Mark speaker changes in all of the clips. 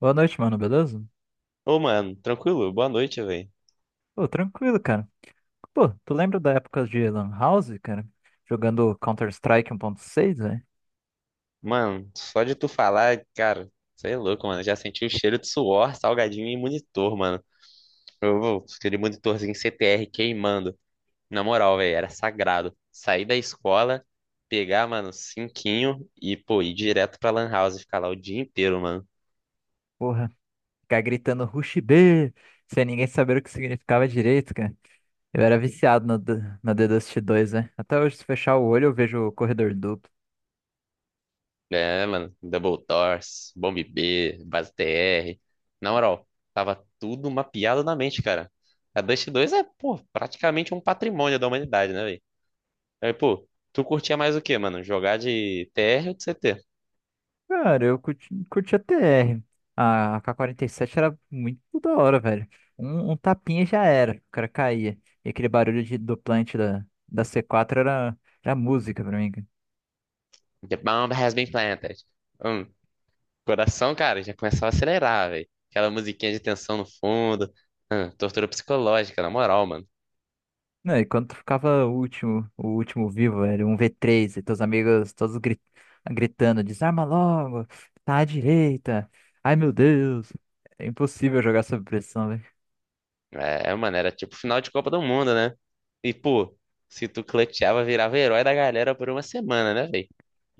Speaker 1: Boa noite, mano, beleza?
Speaker 2: Ô, mano, tranquilo? Boa noite, velho.
Speaker 1: Pô, tranquilo, cara. Pô, tu lembra da época de Lan House, cara? Jogando Counter-Strike 1.6, velho?
Speaker 2: Mano, só de tu falar, cara, você é louco, mano. Já senti o cheiro de suor, salgadinho e monitor, mano. Eu, aquele monitorzinho CTR queimando. Na moral, velho, era sagrado. Sair da escola, pegar, mano, cinquinho e, pô, ir direto pra Lan House e ficar lá o dia inteiro, mano.
Speaker 1: Porra, ficar gritando Rush B, sem ninguém saber o que significava direito, cara. Eu era viciado no The Dust 2, né? Até hoje, se fechar o olho, eu vejo o corredor duplo.
Speaker 2: É, mano, Double Doors, Bomb B, Base TR. Na moral, tava tudo mapeado na mente, cara. A Dust 2 é, pô, praticamente um patrimônio da humanidade, né. Aí, pô, tu curtia mais o quê, mano? Jogar de TR ou de CT?
Speaker 1: Cara, eu curti a TR. A K 47 era muito da hora, velho. Um tapinha já era, o cara caía. E aquele barulho do plant da C4 era música pra mim.
Speaker 2: The bomb has been planted. Hum, Coração, cara, já começava a acelerar, velho. Aquela musiquinha de tensão no fundo. Tortura psicológica, na moral, mano.
Speaker 1: Não, e quando tu ficava o último vivo, era um V3, e teus amigos todos gritando, desarma logo, tá à direita, ai meu Deus, é impossível jogar sob pressão, velho.
Speaker 2: É, mano, era tipo final de Copa do Mundo, né? E, pô, se tu clutchava, virava herói da galera por uma semana, né, velho?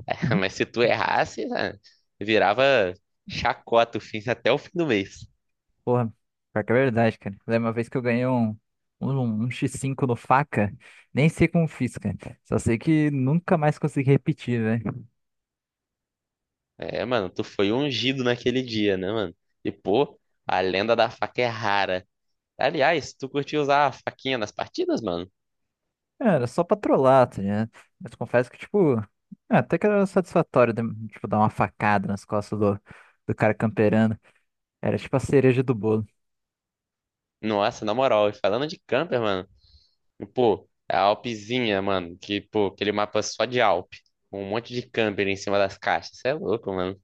Speaker 2: Mas se tu errasse, né, virava chacota o fim, até o fim do mês.
Speaker 1: Porra, pior que é verdade, cara. Lembra uma vez que eu ganhei um X5 no faca? Nem sei como fiz, cara. Só sei que nunca mais consegui repetir, né?
Speaker 2: É, mano, tu foi ungido naquele dia, né, mano? E, pô, a lenda da faca é rara. Aliás, tu curtiu usar a faquinha nas partidas, mano?
Speaker 1: Era só pra trollar, tá ligado? Mas confesso que, tipo, é, até que era satisfatório, tipo, dar uma facada nas costas do cara camperando. Era tipo a cereja do bolo.
Speaker 2: Nossa, na moral, e falando de camper, mano, pô, a Alpzinha, mano, que, pô, aquele mapa só de Alp, com um monte de camper em cima das caixas, cê é louco, mano.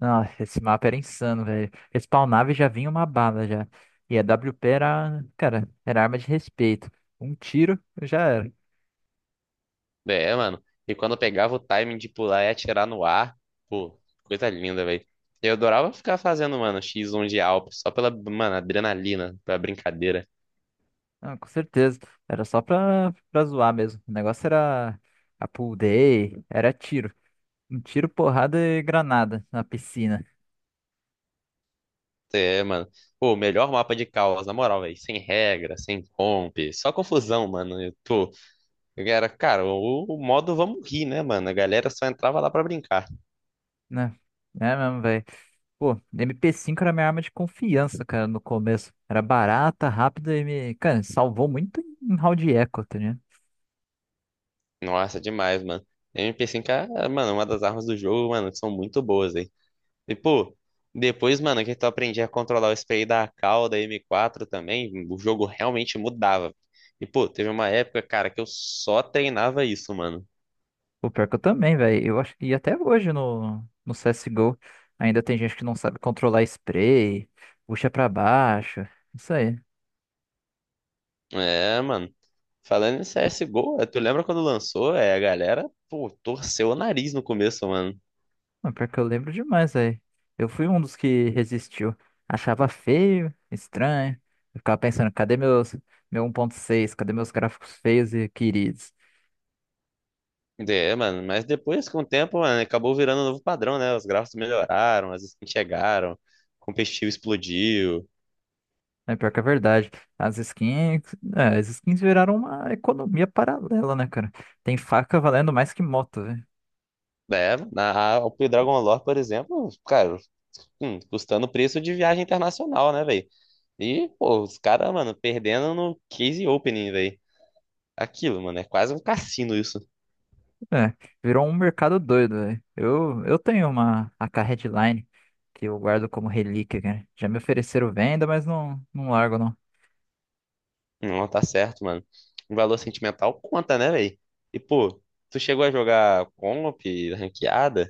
Speaker 1: Ah, esse mapa era insano, velho. Respawnava e já vinha uma bala já. E a WP era, cara, era arma de respeito. Um tiro já era.
Speaker 2: É, mano, e quando eu pegava o timing de pular e atirar no ar, pô, coisa linda, velho. Eu adorava ficar fazendo, mano, X1 de Alp, só pela, mano, adrenalina, pela brincadeira.
Speaker 1: Ah, com certeza. Era só pra zoar mesmo. O negócio era a pool day, era tiro. Um tiro, porrada e granada na piscina,
Speaker 2: É, mano. Pô, o melhor mapa de caos, na moral, velho. Sem regra, sem comp, só confusão, mano. Eu tô. Eu Era, cara, o modo vamos rir, né, mano? A galera só entrava lá pra brincar.
Speaker 1: né? É mesmo, velho. Pô, MP5 era minha arma de confiança, cara, no começo. Era barata, rápida e me. Cara, salvou muito em round eco, tá.
Speaker 2: Nossa, demais, mano. MP5 é, mano, uma das armas do jogo, mano, que são muito boas, hein? E, pô, depois, mano, que tu aprendia a controlar o spray da AK, da M4 também, o jogo realmente mudava. E, pô, teve uma época, cara, que eu só treinava isso, mano.
Speaker 1: O pior que eu também, velho. Eu acho que até hoje no CSGO ainda tem gente que não sabe controlar spray, puxa pra baixo. Isso aí.
Speaker 2: É, mano. Falando em CSGO, é, tu lembra quando lançou? É, a galera, pô, torceu o nariz no começo, mano.
Speaker 1: O pior que eu lembro demais, velho. Eu fui um dos que resistiu. Achava feio, estranho. Eu ficava pensando, cadê meu 1.6? Cadê meus gráficos feios e queridos?
Speaker 2: É, mano, mas depois, com o tempo, mano, acabou virando um novo padrão, né? Os gráficos melhoraram, as skins chegaram, o competitivo explodiu.
Speaker 1: É pior que é verdade. As skins, as skins viraram uma economia paralela, né, cara? Tem faca valendo mais que moto.
Speaker 2: É, o Dragon Lore, por exemplo, cara, custando o preço de viagem internacional, né, velho? E, pô, os caras, mano, perdendo no Case Opening, velho. Aquilo, mano, é quase um cassino isso.
Speaker 1: É, virou um mercado doido, velho. Eu tenho uma a K Headline que eu guardo como relíquia, cara. Já me ofereceram venda, mas não, não largo, não.
Speaker 2: Não, tá certo, mano. O valor sentimental conta, né, velho? E, pô, tu chegou a jogar comp, ranqueada.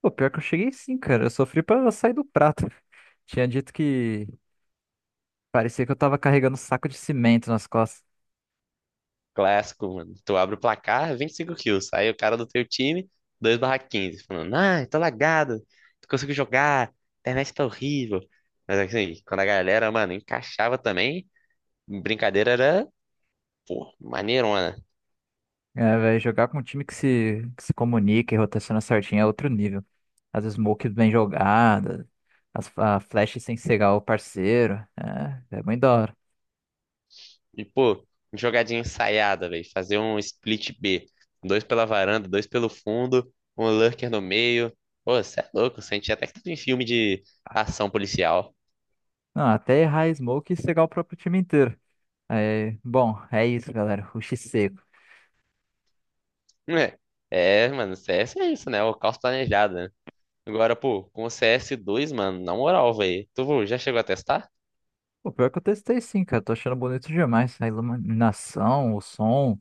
Speaker 1: Pô, pior que eu cheguei sim, cara. Eu sofri pra sair do prato. Tinha dito que parecia que eu tava carregando um saco de cimento nas costas.
Speaker 2: Clássico, mano. Tu abre o placar, 25 kills. Aí o cara do teu time, 2/15, falando, ah, tô lagado, não consigo jogar, a internet tá horrível. Mas assim, quando a galera, mano, encaixava também, brincadeira era, pô, maneirona.
Speaker 1: É, velho, jogar com um time que se comunica e rotaciona certinho é outro nível. As smokes bem jogadas, a flash sem cegar o parceiro. É, é muito da hora.
Speaker 2: E, pô, jogadinha ensaiada, velho. Fazer um split B. Dois pela varanda, dois pelo fundo, um lurker no meio. Pô, você é louco, senti até que tava em filme de ação policial.
Speaker 1: Não, até errar a smoke e cegar o próprio time inteiro. É, bom, é isso, galera. Rush seco.
Speaker 2: Hum, É, é, mano, CS é isso, né? É o caos planejado, né? Agora, pô, com o CS2 mano, na moral, velho. Tu já chegou a testar?
Speaker 1: O pior que eu testei sim, cara. Tô achando bonito demais. A iluminação, o som,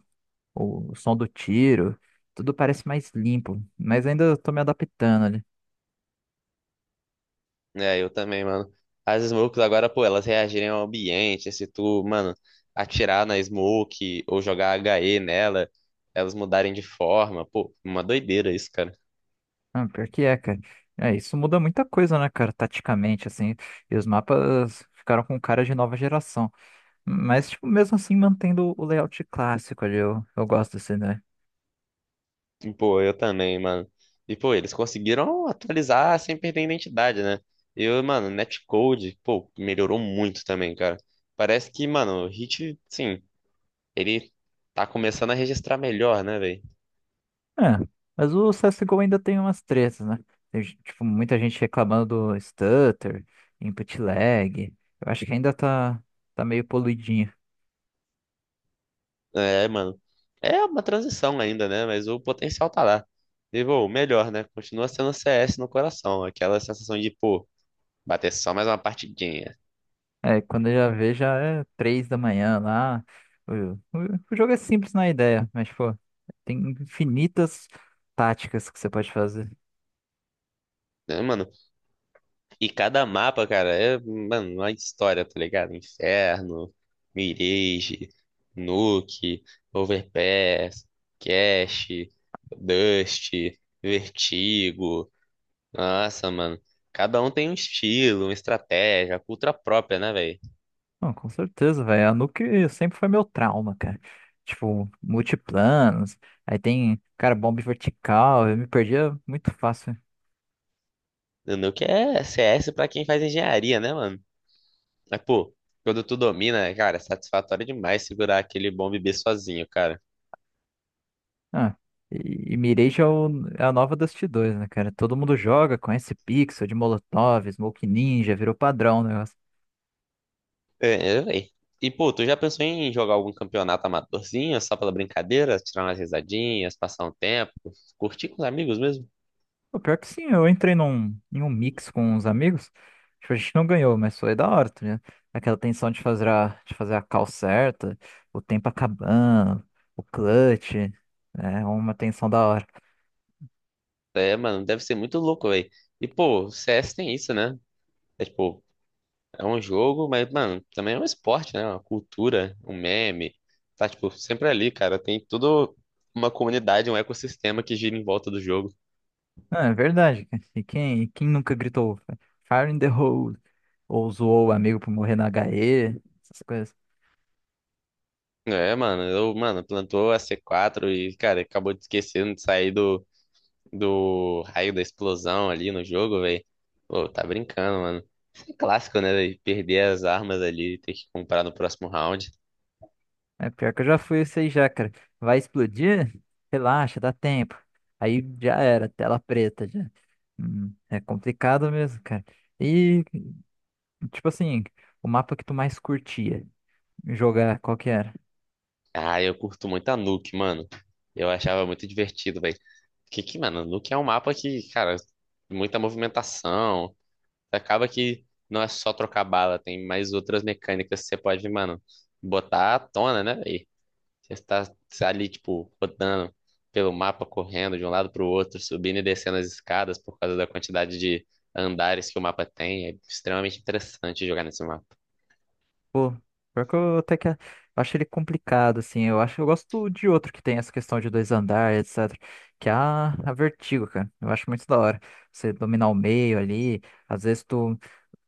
Speaker 1: o som do tiro, tudo parece mais limpo. Mas ainda eu tô me adaptando ali.
Speaker 2: É, eu também, mano. As smokes agora, pô, elas reagirem ao ambiente. Se tu, mano, atirar na smoke ou jogar HE nela, elas mudarem de forma. Pô, uma doideira isso, cara.
Speaker 1: Ah, pior que é, cara. É, isso muda muita coisa, né, cara, taticamente, assim. E os mapas ficaram com cara de nova geração. Mas, tipo, mesmo assim, mantendo o layout clássico ali. Eu gosto assim, né?
Speaker 2: E, pô, eu também, mano. E, pô, eles conseguiram atualizar sem perder a identidade, né? Eu, mano, netcode, pô, melhorou muito também, cara. Parece que, mano, o Hit, sim, ele tá começando a registrar melhor, né, velho?
Speaker 1: É, mas o CSGO ainda tem umas tretas, né? Tem, tipo, muita gente reclamando do stutter, input lag. Eu acho que ainda tá meio poluidinho.
Speaker 2: É, mano. É uma transição ainda, né? Mas o potencial tá lá. E, pô, o melhor, né? Continua sendo CS no coração. Aquela sensação de, pô, bater só mais uma partidinha.
Speaker 1: É, quando eu já vejo, já é 3 da manhã lá. O, o jogo é simples na ideia, mas, pô, tem infinitas táticas que você pode fazer.
Speaker 2: Né, mano? E cada mapa, cara, é, mano, uma história, tá ligado? Inferno, Mirage, Nuke, Overpass, Cache, Dust, Vertigo. Nossa, mano. Cada um tem um estilo, uma estratégia, a cultura própria, né, velho?
Speaker 1: Não, com certeza, velho. A Nuke sempre foi meu trauma, cara. Tipo, multiplanos, aí tem, cara, bomba vertical. Eu me perdia muito fácil.
Speaker 2: O Nuke é CS pra quem faz engenharia, né, mano? Mas, pô, quando tu domina, cara, é satisfatório demais segurar aquele bom bebê sozinho, cara.
Speaker 1: Ah, e Mirage é a nova Dust 2, né, cara? Todo mundo joga, conhece Pixel, de Molotov, Smoke Ninja, virou padrão o negócio.
Speaker 2: É, é, véi. E, pô, tu já pensou em jogar algum campeonato amadorzinho, só pela brincadeira, tirar umas risadinhas, passar um tempo, curtir com os amigos mesmo?
Speaker 1: Pô, pior que sim, eu entrei em um mix com uns amigos. Tipo, a gente não ganhou, mas foi da hora, tá ligado? Aquela tensão de fazer a call certa, o tempo acabando, o clutch. É uma tensão da hora.
Speaker 2: É, mano, deve ser muito louco, velho. E, pô, o CS tem isso, né? É, tipo, é um jogo, mas, mano, também é um esporte, né? Uma cultura, um meme. Tá, tipo, sempre ali, cara. Tem toda uma comunidade, um ecossistema que gira em volta do jogo.
Speaker 1: Ah, é verdade, cara. E quem nunca gritou Fire in the hole? Ou zoou o amigo por morrer na HE? Essas coisas.
Speaker 2: É, mano, eu, mano, plantou a C4 e, cara, acabou de esquecendo de sair do raio da explosão ali no jogo, velho. Pô, tá brincando, mano. Isso é clássico, né? Véi? Perder as armas ali e ter que comprar no próximo round.
Speaker 1: É pior que eu já fui isso aí já, cara. Vai explodir? Relaxa, dá tempo. Aí já era, tela preta já. É complicado mesmo, cara. E, tipo assim, o mapa que tu mais curtia jogar, qual que era?
Speaker 2: Ah, eu curto muito a Nuke, mano. Eu achava muito divertido, velho. Que, mano, Nuke é um mapa que, cara, muita movimentação. Acaba que não é só trocar bala, tem mais outras mecânicas que você pode, mano, botar à tona, né, velho? Você está ali, tipo, rodando pelo mapa, correndo de um lado pro outro, subindo e descendo as escadas por causa da quantidade de andares que o mapa tem. É extremamente interessante jogar nesse mapa.
Speaker 1: Pô, pior que eu até que eu acho ele complicado, assim. Eu acho, eu gosto de outro que tem essa questão de dois andares, etc. Que é a Vertigo, cara. Eu acho muito da hora. Você dominar o meio ali. Às vezes tu.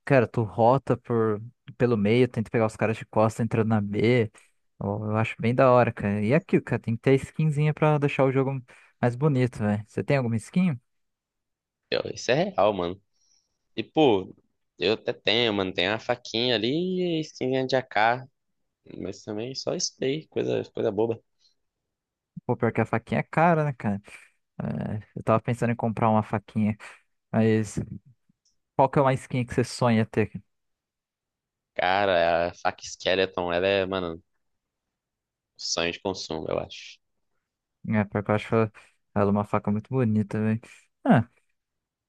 Speaker 1: Cara, tu rota pelo meio, tenta pegar os caras de costa entrando na B. Eu acho bem da hora, cara. E é aquilo, cara, tem que ter skinzinha pra deixar o jogo mais bonito, velho. Você tem alguma skin?
Speaker 2: Isso é real, mano. E, pô, eu até tenho, mano, tem uma faquinha ali e a skinzinha de AK, mas também só isso aí, coisa, coisa boba.
Speaker 1: Pô, pior que a faquinha é cara, né, cara? É, eu tava pensando em comprar uma faquinha, mas qual que é uma skin que você sonha ter?
Speaker 2: Cara, a faca Skeleton, ela é, mano, sonho de consumo, eu acho.
Speaker 1: É, pior que eu acho ela uma faca muito bonita, velho. Ah,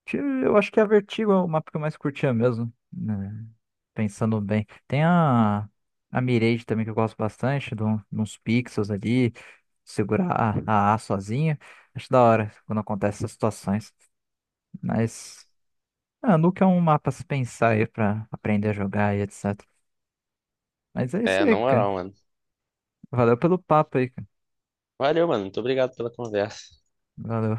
Speaker 1: eu acho que é a Vertigo é o mapa que eu mais curtia mesmo, né? Pensando bem. Tem a Mirage também que eu gosto bastante, de uns pixels ali, segurar a A sozinha. Acho da hora quando acontece essas situações. Mas Nuke é um mapa a se pensar aí pra aprender a jogar e etc. Mas é isso
Speaker 2: É, na
Speaker 1: aí, cara.
Speaker 2: moral, mano.
Speaker 1: Valeu pelo papo aí, cara.
Speaker 2: Valeu, mano. Muito obrigado pela conversa.
Speaker 1: Valeu.